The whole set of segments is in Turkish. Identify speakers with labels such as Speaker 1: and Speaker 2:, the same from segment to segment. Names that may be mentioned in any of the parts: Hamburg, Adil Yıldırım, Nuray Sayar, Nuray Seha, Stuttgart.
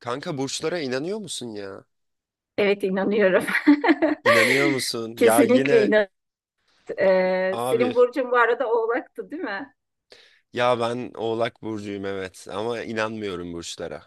Speaker 1: Kanka burçlara inanıyor musun ya?
Speaker 2: Evet inanıyorum.
Speaker 1: İnanıyor musun? Ya
Speaker 2: Kesinlikle
Speaker 1: yine
Speaker 2: inan.
Speaker 1: abi,
Speaker 2: Senin burcun bu arada Oğlak'tı değil mi?
Speaker 1: ya ben Oğlak burcuyum, evet, ama inanmıyorum burçlara.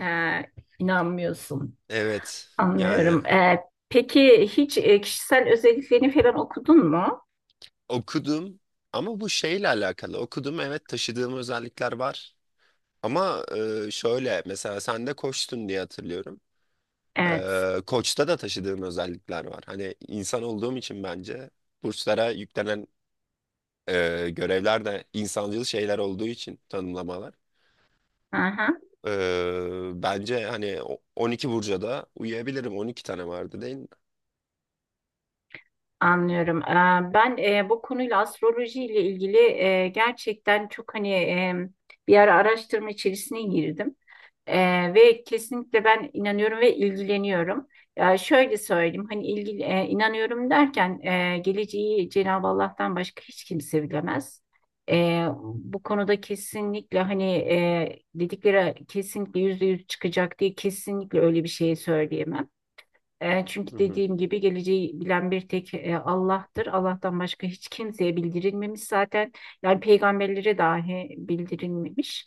Speaker 2: Ee, inanmıyorsun.
Speaker 1: Evet, yani
Speaker 2: Anlıyorum. Peki hiç kişisel özelliklerini falan okudun mu?
Speaker 1: okudum, ama bu şeyle alakalı okudum, evet, taşıdığım özellikler var. Ama şöyle mesela sen de koçtun diye hatırlıyorum.
Speaker 2: Evet.
Speaker 1: Koçta da taşıdığım özellikler var. Hani insan olduğum için bence burçlara yüklenen görevler de insancıl şeyler olduğu için tanımlamalar.
Speaker 2: Aha,
Speaker 1: Bence hani 12 burca da uyuyabilirim. 12 tane vardı değil mi?
Speaker 2: anlıyorum. Ben bu konuyla astroloji ile ilgili gerçekten çok hani bir ara araştırma içerisine girdim. Ve kesinlikle ben inanıyorum ve ilgileniyorum. Ya şöyle söyleyeyim hani ilgi, inanıyorum derken geleceği Cenab-ı Allah'tan başka hiç kimse bilemez. Bu konuda kesinlikle hani dedikleri kesinlikle yüzde yüz çıkacak diye kesinlikle öyle bir şey söyleyemem. Çünkü
Speaker 1: Hı hı.
Speaker 2: dediğim gibi geleceği bilen bir tek Allah'tır. Allah'tan başka hiç kimseye bildirilmemiş zaten. Yani peygamberlere dahi bildirilmemiş.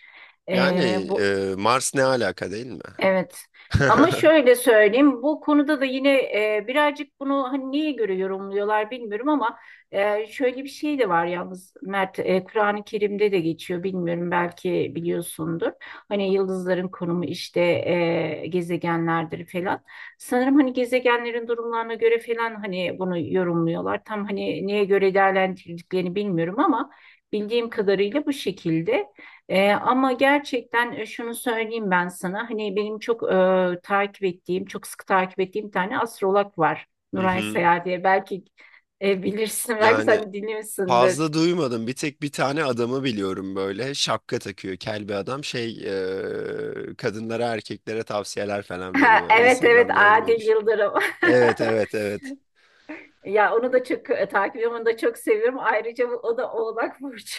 Speaker 1: Yani
Speaker 2: E, bu
Speaker 1: Mars ne alaka değil mi?
Speaker 2: Evet. Ama şöyle söyleyeyim, bu konuda da yine birazcık bunu hani neye göre yorumluyorlar bilmiyorum ama şöyle bir şey de var yalnız Mert, Kur'an-ı Kerim'de de geçiyor bilmiyorum belki biliyorsundur. Hani yıldızların konumu işte gezegenlerdir falan. Sanırım hani gezegenlerin durumlarına göre falan hani bunu yorumluyorlar. Tam hani neye göre değerlendirdiklerini bilmiyorum ama bildiğim kadarıyla bu şekilde. Ama gerçekten şunu söyleyeyim ben sana. Hani benim çok takip ettiğim, çok sık takip ettiğim bir tane astrolog var.
Speaker 1: Hı
Speaker 2: Nuray
Speaker 1: hı.
Speaker 2: Seha diye. Belki bilirsin, belki
Speaker 1: Yani
Speaker 2: sen de dinliyorsundur.
Speaker 1: fazla duymadım. Bir tek bir tane adamı biliyorum, böyle şapka takıyor. Kel bir adam, şey, kadınlara, erkeklere tavsiyeler falan
Speaker 2: Ha,
Speaker 1: veriyor.
Speaker 2: evet evet,
Speaker 1: Instagram'da önüme
Speaker 2: Adil
Speaker 1: düş.
Speaker 2: Yıldırım.
Speaker 1: Evet, evet, evet.
Speaker 2: Ya onu da çok takip ediyorum, onu da çok seviyorum. Ayrıca o da Oğlak Burcu.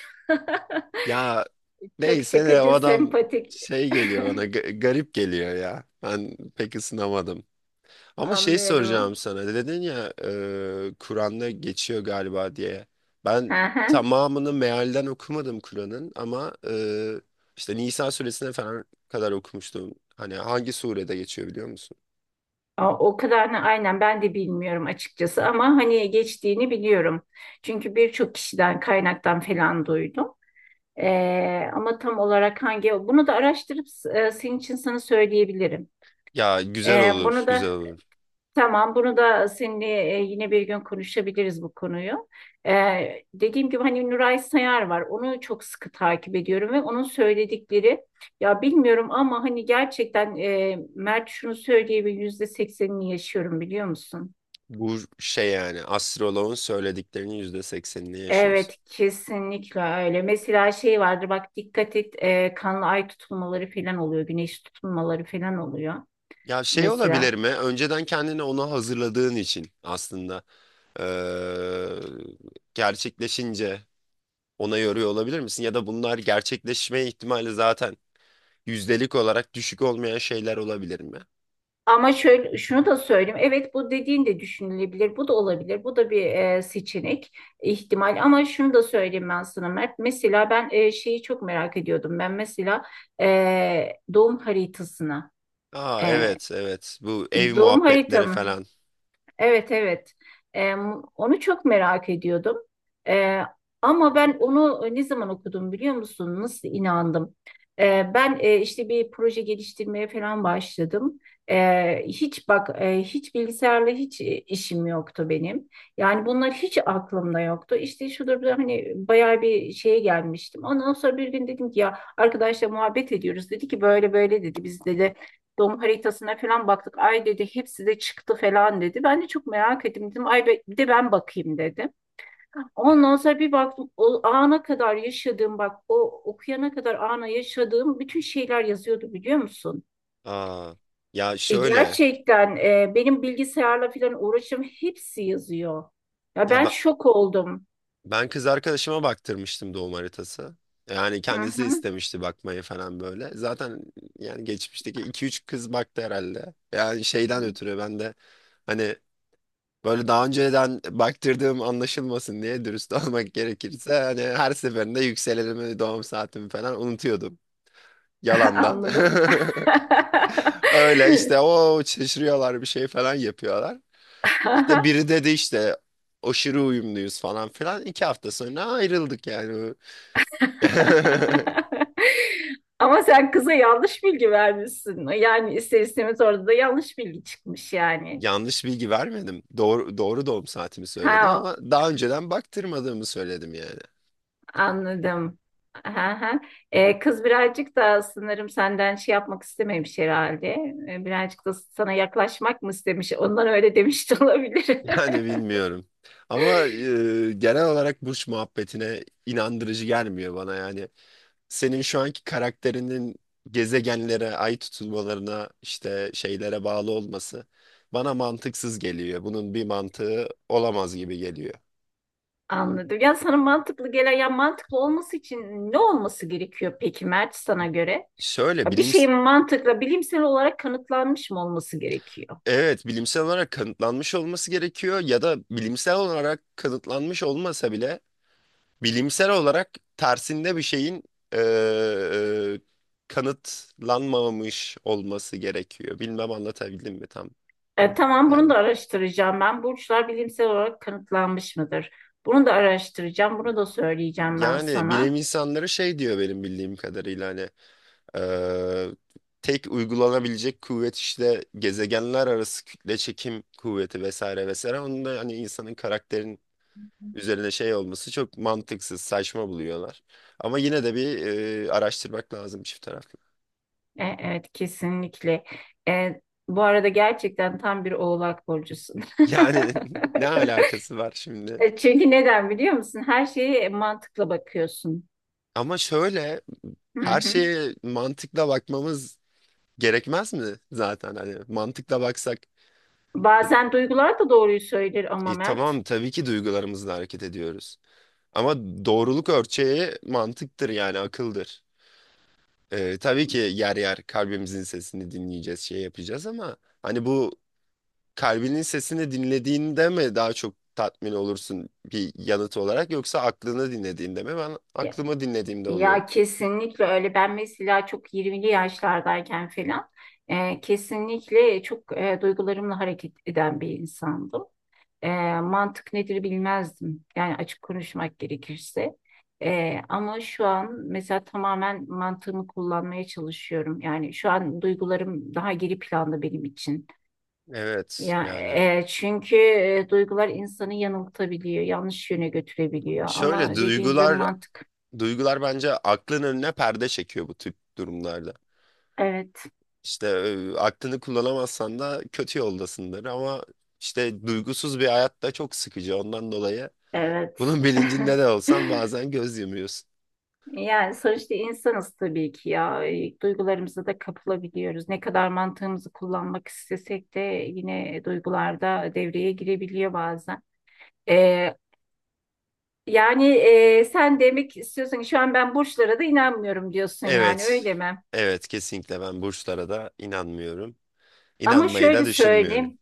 Speaker 1: Ya
Speaker 2: Çok
Speaker 1: neyse, de o
Speaker 2: şakacı,
Speaker 1: adam
Speaker 2: sempatik.
Speaker 1: şey geliyor bana, garip geliyor ya. Ben pek ısınamadım. Ama şey, soracağım
Speaker 2: Anlıyorum.
Speaker 1: sana. Dedin ya Kur'an'da geçiyor galiba diye. Ben tamamını mealden okumadım Kur'an'ın, ama işte Nisa suresine falan kadar okumuştum. Hani hangi surede geçiyor biliyor musun?
Speaker 2: Aa, o kadarını aynen ben de bilmiyorum açıkçası ama hani geçtiğini biliyorum. Çünkü birçok kişiden kaynaktan falan duydum. Ama tam olarak hangi bunu da araştırıp senin için sana söyleyebilirim.
Speaker 1: Ya güzel olur,
Speaker 2: Bunu
Speaker 1: güzel
Speaker 2: da
Speaker 1: olur.
Speaker 2: Tamam, bunu da seninle yine bir gün konuşabiliriz bu konuyu. Dediğim gibi hani Nuray Sayar var, onu çok sıkı takip ediyorum ve onun söyledikleri ya bilmiyorum ama hani gerçekten Mert, şunu söyleyebilir yüzde seksenini yaşıyorum biliyor musun?
Speaker 1: Bu şey, yani astroloğun söylediklerinin %80'ini yaşıyorsun.
Speaker 2: Evet, kesinlikle öyle. Mesela şey vardır bak, dikkat et, kanlı ay tutulmaları falan oluyor. Güneş tutulmaları falan oluyor
Speaker 1: Ya şey
Speaker 2: mesela.
Speaker 1: olabilir mi? Önceden kendini ona hazırladığın için aslında e, gerçekleşince ona yoruyor olabilir misin? Ya da bunlar gerçekleşme ihtimali zaten yüzdelik olarak düşük olmayan şeyler olabilir mi?
Speaker 2: Ama şöyle şunu da söyleyeyim. Evet, bu dediğin de düşünülebilir. Bu da olabilir. Bu da bir seçenek, ihtimal. Ama şunu da söyleyeyim ben sana Mert. Mesela ben şeyi çok merak ediyordum. Ben mesela doğum haritasını.
Speaker 1: Aa,
Speaker 2: E,
Speaker 1: evet, evet, bu ev
Speaker 2: Doğum
Speaker 1: muhabbetleri
Speaker 2: haritamı.
Speaker 1: falan.
Speaker 2: Evet, evet. Ee, Onu çok merak ediyordum. Ee, Ama ben onu ne zaman okudum biliyor musun? Nasıl inandım? Ben işte bir proje geliştirmeye falan başladım. Hiç bak, hiç bilgisayarla hiç işim yoktu benim. Yani bunlar hiç aklımda yoktu. İşte şudur da hani bayağı bir şeye gelmiştim. Ondan sonra bir gün dedim ki ya, arkadaşla muhabbet ediyoruz. Dedi ki böyle böyle dedi. Biz dedi doğum haritasına falan baktık. Ay dedi hepsi de çıktı falan dedi. Ben de çok merak ettim dedim. Ay, bir de ben bakayım dedim. Ondan sonra bir baktım, o ana kadar yaşadığım, bak o okuyana kadar ana yaşadığım bütün şeyler yazıyordu biliyor musun?
Speaker 1: Aa, ya şöyle,
Speaker 2: Gerçekten benim bilgisayarla falan uğraşım hepsi yazıyor. Ya
Speaker 1: ya
Speaker 2: ben
Speaker 1: ben,
Speaker 2: şok oldum.
Speaker 1: ben kız arkadaşıma baktırmıştım doğum haritası. Yani
Speaker 2: Hı
Speaker 1: kendisi
Speaker 2: hı.
Speaker 1: istemişti bakmayı falan, böyle. Zaten yani geçmişteki iki üç kız baktı herhalde. Yani şeyden ötürü ben de hani böyle daha önceden baktırdığım anlaşılmasın diye, dürüst olmak gerekirse, hani her seferinde yükselenimi, doğum saatimi falan unutuyordum. Yalandan.
Speaker 2: Anladım.
Speaker 1: Öyle işte, o şaşırıyorlar, bir şey falan yapıyorlar. İşte biri dedi işte, aşırı uyumluyuz falan filan. 2 hafta sonra ayrıldık yani.
Speaker 2: Ama sen kıza yanlış bilgi vermişsin. Yani ister istemez orada da yanlış bilgi çıkmış yani.
Speaker 1: Yanlış bilgi vermedim. Doğru, doğru doğum saatimi söyledim,
Speaker 2: Ha,
Speaker 1: ama daha önceden baktırmadığımı söyledim yani.
Speaker 2: anladım. Ha, ha. Kız birazcık da sanırım senden şey yapmak istememiş herhalde. Birazcık da sana yaklaşmak mı istemiş? Ondan öyle demiş de olabilir.
Speaker 1: Yani bilmiyorum. Ama genel olarak burç muhabbetine inandırıcı gelmiyor bana yani. Senin şu anki karakterinin gezegenlere, ay tutulmalarına, işte şeylere bağlı olması bana mantıksız geliyor. Bunun bir mantığı olamaz gibi geliyor.
Speaker 2: Anladım. Ya sana mantıklı gelen, ya mantıklı olması için ne olması gerekiyor peki Mert, sana göre?
Speaker 1: Şöyle,
Speaker 2: Ya bir
Speaker 1: bilim,
Speaker 2: şeyin mantıkla bilimsel olarak kanıtlanmış mı olması gerekiyor?
Speaker 1: evet, bilimsel olarak kanıtlanmış olması gerekiyor, ya da bilimsel olarak kanıtlanmış olmasa bile bilimsel olarak tersinde bir şeyin eee, kanıtlanmamış olması gerekiyor. Bilmem anlatabildim mi tam?
Speaker 2: Tamam,
Speaker 1: Yani,
Speaker 2: bunu da araştıracağım ben. Burçlar bilimsel olarak kanıtlanmış mıdır? Bunu da araştıracağım. Bunu da söyleyeceğim ben
Speaker 1: yani bilim
Speaker 2: sana.
Speaker 1: insanları şey diyor benim bildiğim kadarıyla, hani eee, tek uygulanabilecek kuvvet işte gezegenler arası kütle çekim kuvveti, vesaire vesaire. Onun da hani insanın karakterin üzerine şey olması çok mantıksız, saçma buluyorlar. Ama yine de bir araştırmak lazım, çift taraflı.
Speaker 2: Evet, kesinlikle. E, Bu arada gerçekten tam bir oğlak burcusun.
Speaker 1: Yani ne alakası var şimdi?
Speaker 2: Çünkü neden biliyor musun? Her şeye mantıkla bakıyorsun.
Speaker 1: Ama şöyle,
Speaker 2: Hı
Speaker 1: her
Speaker 2: hı.
Speaker 1: şeye mantıkla bakmamız gerekmez mi zaten, hani mantıkla baksak
Speaker 2: Bazen duygular da doğruyu söyler ama Mert.
Speaker 1: tamam, tabii ki duygularımızla hareket ediyoruz, ama doğruluk ölçeği mantıktır, yani akıldır. Tabii ki yer yer kalbimizin sesini dinleyeceğiz, şey yapacağız, ama hani bu, kalbinin sesini dinlediğinde mi daha çok tatmin olursun bir yanıt olarak, yoksa aklını dinlediğinde mi? Ben
Speaker 2: Ya,
Speaker 1: aklımı dinlediğimde oluyorum.
Speaker 2: ya kesinlikle öyle. Ben mesela çok 20'li yaşlardayken falan kesinlikle çok duygularımla hareket eden bir insandım. E, Mantık nedir bilmezdim. Yani açık konuşmak gerekirse. Ama şu an mesela tamamen mantığımı kullanmaya çalışıyorum. Yani şu an duygularım daha geri planda benim için.
Speaker 1: Evet,
Speaker 2: Ya
Speaker 1: yani
Speaker 2: çünkü duygular insanı yanıltabiliyor, yanlış yöne götürebiliyor.
Speaker 1: Şöyle
Speaker 2: Ama dediğin gibi
Speaker 1: duygular
Speaker 2: mantık.
Speaker 1: Duygular bence aklın önüne perde çekiyor bu tip durumlarda.
Speaker 2: Evet,
Speaker 1: İşte aklını kullanamazsan da kötü yoldasındır, ama işte duygusuz bir hayat da çok sıkıcı. Ondan dolayı
Speaker 2: evet.
Speaker 1: bunun bilincinde de olsan bazen göz yumuyorsun.
Speaker 2: Yani sonuçta insanız tabii ki ya. Duygularımıza da kapılabiliyoruz. Ne kadar mantığımızı kullanmak istesek de yine duygularda devreye girebiliyor bazen. E, Yani sen demek istiyorsun ki şu an ben burçlara da inanmıyorum diyorsun, yani
Speaker 1: Evet,
Speaker 2: öyle mi?
Speaker 1: evet, kesinlikle ben burçlara da inanmıyorum.
Speaker 2: Ama
Speaker 1: İnanmayı da
Speaker 2: şöyle
Speaker 1: düşünmüyorum.
Speaker 2: söyleyeyim.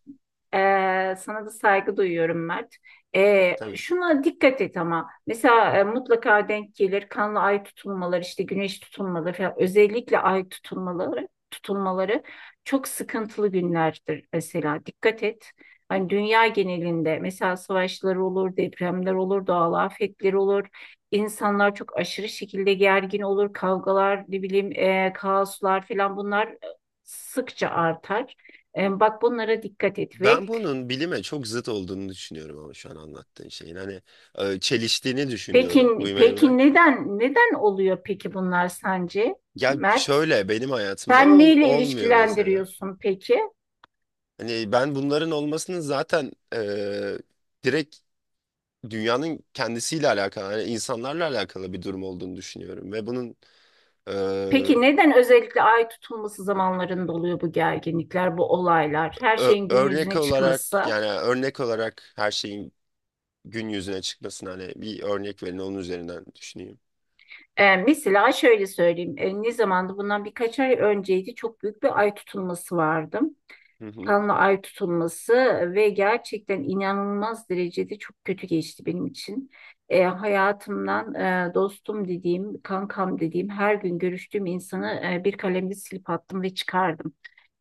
Speaker 2: Sana da saygı duyuyorum Mert.
Speaker 1: Tabii.
Speaker 2: Şuna dikkat et ama mesela mutlaka denk gelir kanlı ay tutulmaları işte güneş tutulmaları falan, özellikle ay tutulmaları çok sıkıntılı günlerdir mesela, dikkat et. Hani dünya genelinde mesela savaşlar olur, depremler olur, doğal afetler olur. İnsanlar çok aşırı şekilde gergin olur, kavgalar, ne bileyim, kaoslar falan, bunlar sıkça artar. Bak bunlara dikkat et ve
Speaker 1: Ben bunun bilime çok zıt olduğunu düşünüyorum, ama şu an anlattığın şeyin. Hani çeliştiğini düşünüyorum.
Speaker 2: peki,
Speaker 1: Uyumayı bırak.
Speaker 2: peki neden neden oluyor peki bunlar sence
Speaker 1: Ya
Speaker 2: Mert?
Speaker 1: şöyle, benim hayatımda
Speaker 2: Sen neyle
Speaker 1: olmuyor mesela.
Speaker 2: ilişkilendiriyorsun peki?
Speaker 1: Hani ben bunların olmasının zaten direkt dünyanın kendisiyle alakalı, hani insanlarla alakalı bir durum olduğunu düşünüyorum, ve bunun eee,
Speaker 2: Peki neden özellikle ay tutulması zamanlarında oluyor bu gerginlikler, bu olaylar, her şeyin gün
Speaker 1: örnek
Speaker 2: yüzüne
Speaker 1: olarak,
Speaker 2: çıkması?
Speaker 1: yani örnek olarak her şeyin gün yüzüne çıkmasına, hani bir örnek verin, onun üzerinden düşüneyim.
Speaker 2: Mesela şöyle söyleyeyim, ne zamandı? Bundan birkaç ay önceydi, çok büyük bir ay tutulması vardı.
Speaker 1: Hı hı.
Speaker 2: Kanla ay tutulması ve gerçekten inanılmaz derecede çok kötü geçti benim için. Hayatımdan dostum dediğim, kankam dediğim, her gün görüştüğüm insanı bir kalemle silip attım ve çıkardım.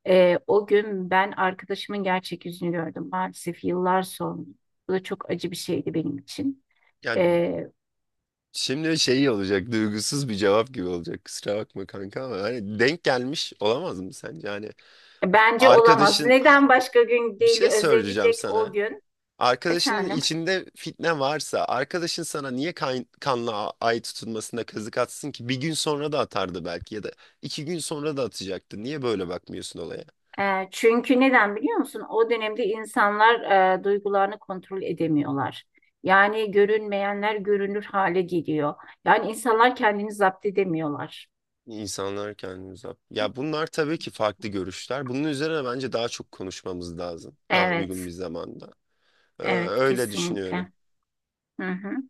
Speaker 2: O gün ben arkadaşımın gerçek yüzünü gördüm maalesef yıllar sonra. Bu da çok acı bir şeydi benim için.
Speaker 1: Ya
Speaker 2: E,
Speaker 1: şimdi şey olacak, duygusuz bir cevap gibi olacak, kusura bakma kanka, ama hani denk gelmiş olamaz mı sence? Hani
Speaker 2: Bence olamaz.
Speaker 1: Ha,
Speaker 2: Neden başka gün
Speaker 1: bir
Speaker 2: değil,
Speaker 1: şey
Speaker 2: özellikle
Speaker 1: söyleyeceğim
Speaker 2: o
Speaker 1: sana.
Speaker 2: gün?
Speaker 1: Arkadaşının
Speaker 2: Efendim?
Speaker 1: içinde fitne varsa arkadaşın sana niye kanla ay tutulmasına kazık atsın ki? Bir gün sonra da atardı belki, ya da 2 gün sonra da atacaktı. Niye böyle bakmıyorsun olaya?
Speaker 2: Çünkü neden biliyor musun? O dönemde insanlar duygularını kontrol edemiyorlar. Yani görünmeyenler görünür hale geliyor. Yani insanlar kendini zapt edemiyorlar.
Speaker 1: İnsanlar kendini uzak. Ya bunlar tabii ki farklı görüşler. Bunun üzerine bence daha çok konuşmamız lazım. Daha
Speaker 2: Evet,
Speaker 1: uygun bir zamanda.
Speaker 2: evet
Speaker 1: Öyle düşünüyorum.
Speaker 2: kesinlikle. Hı hı.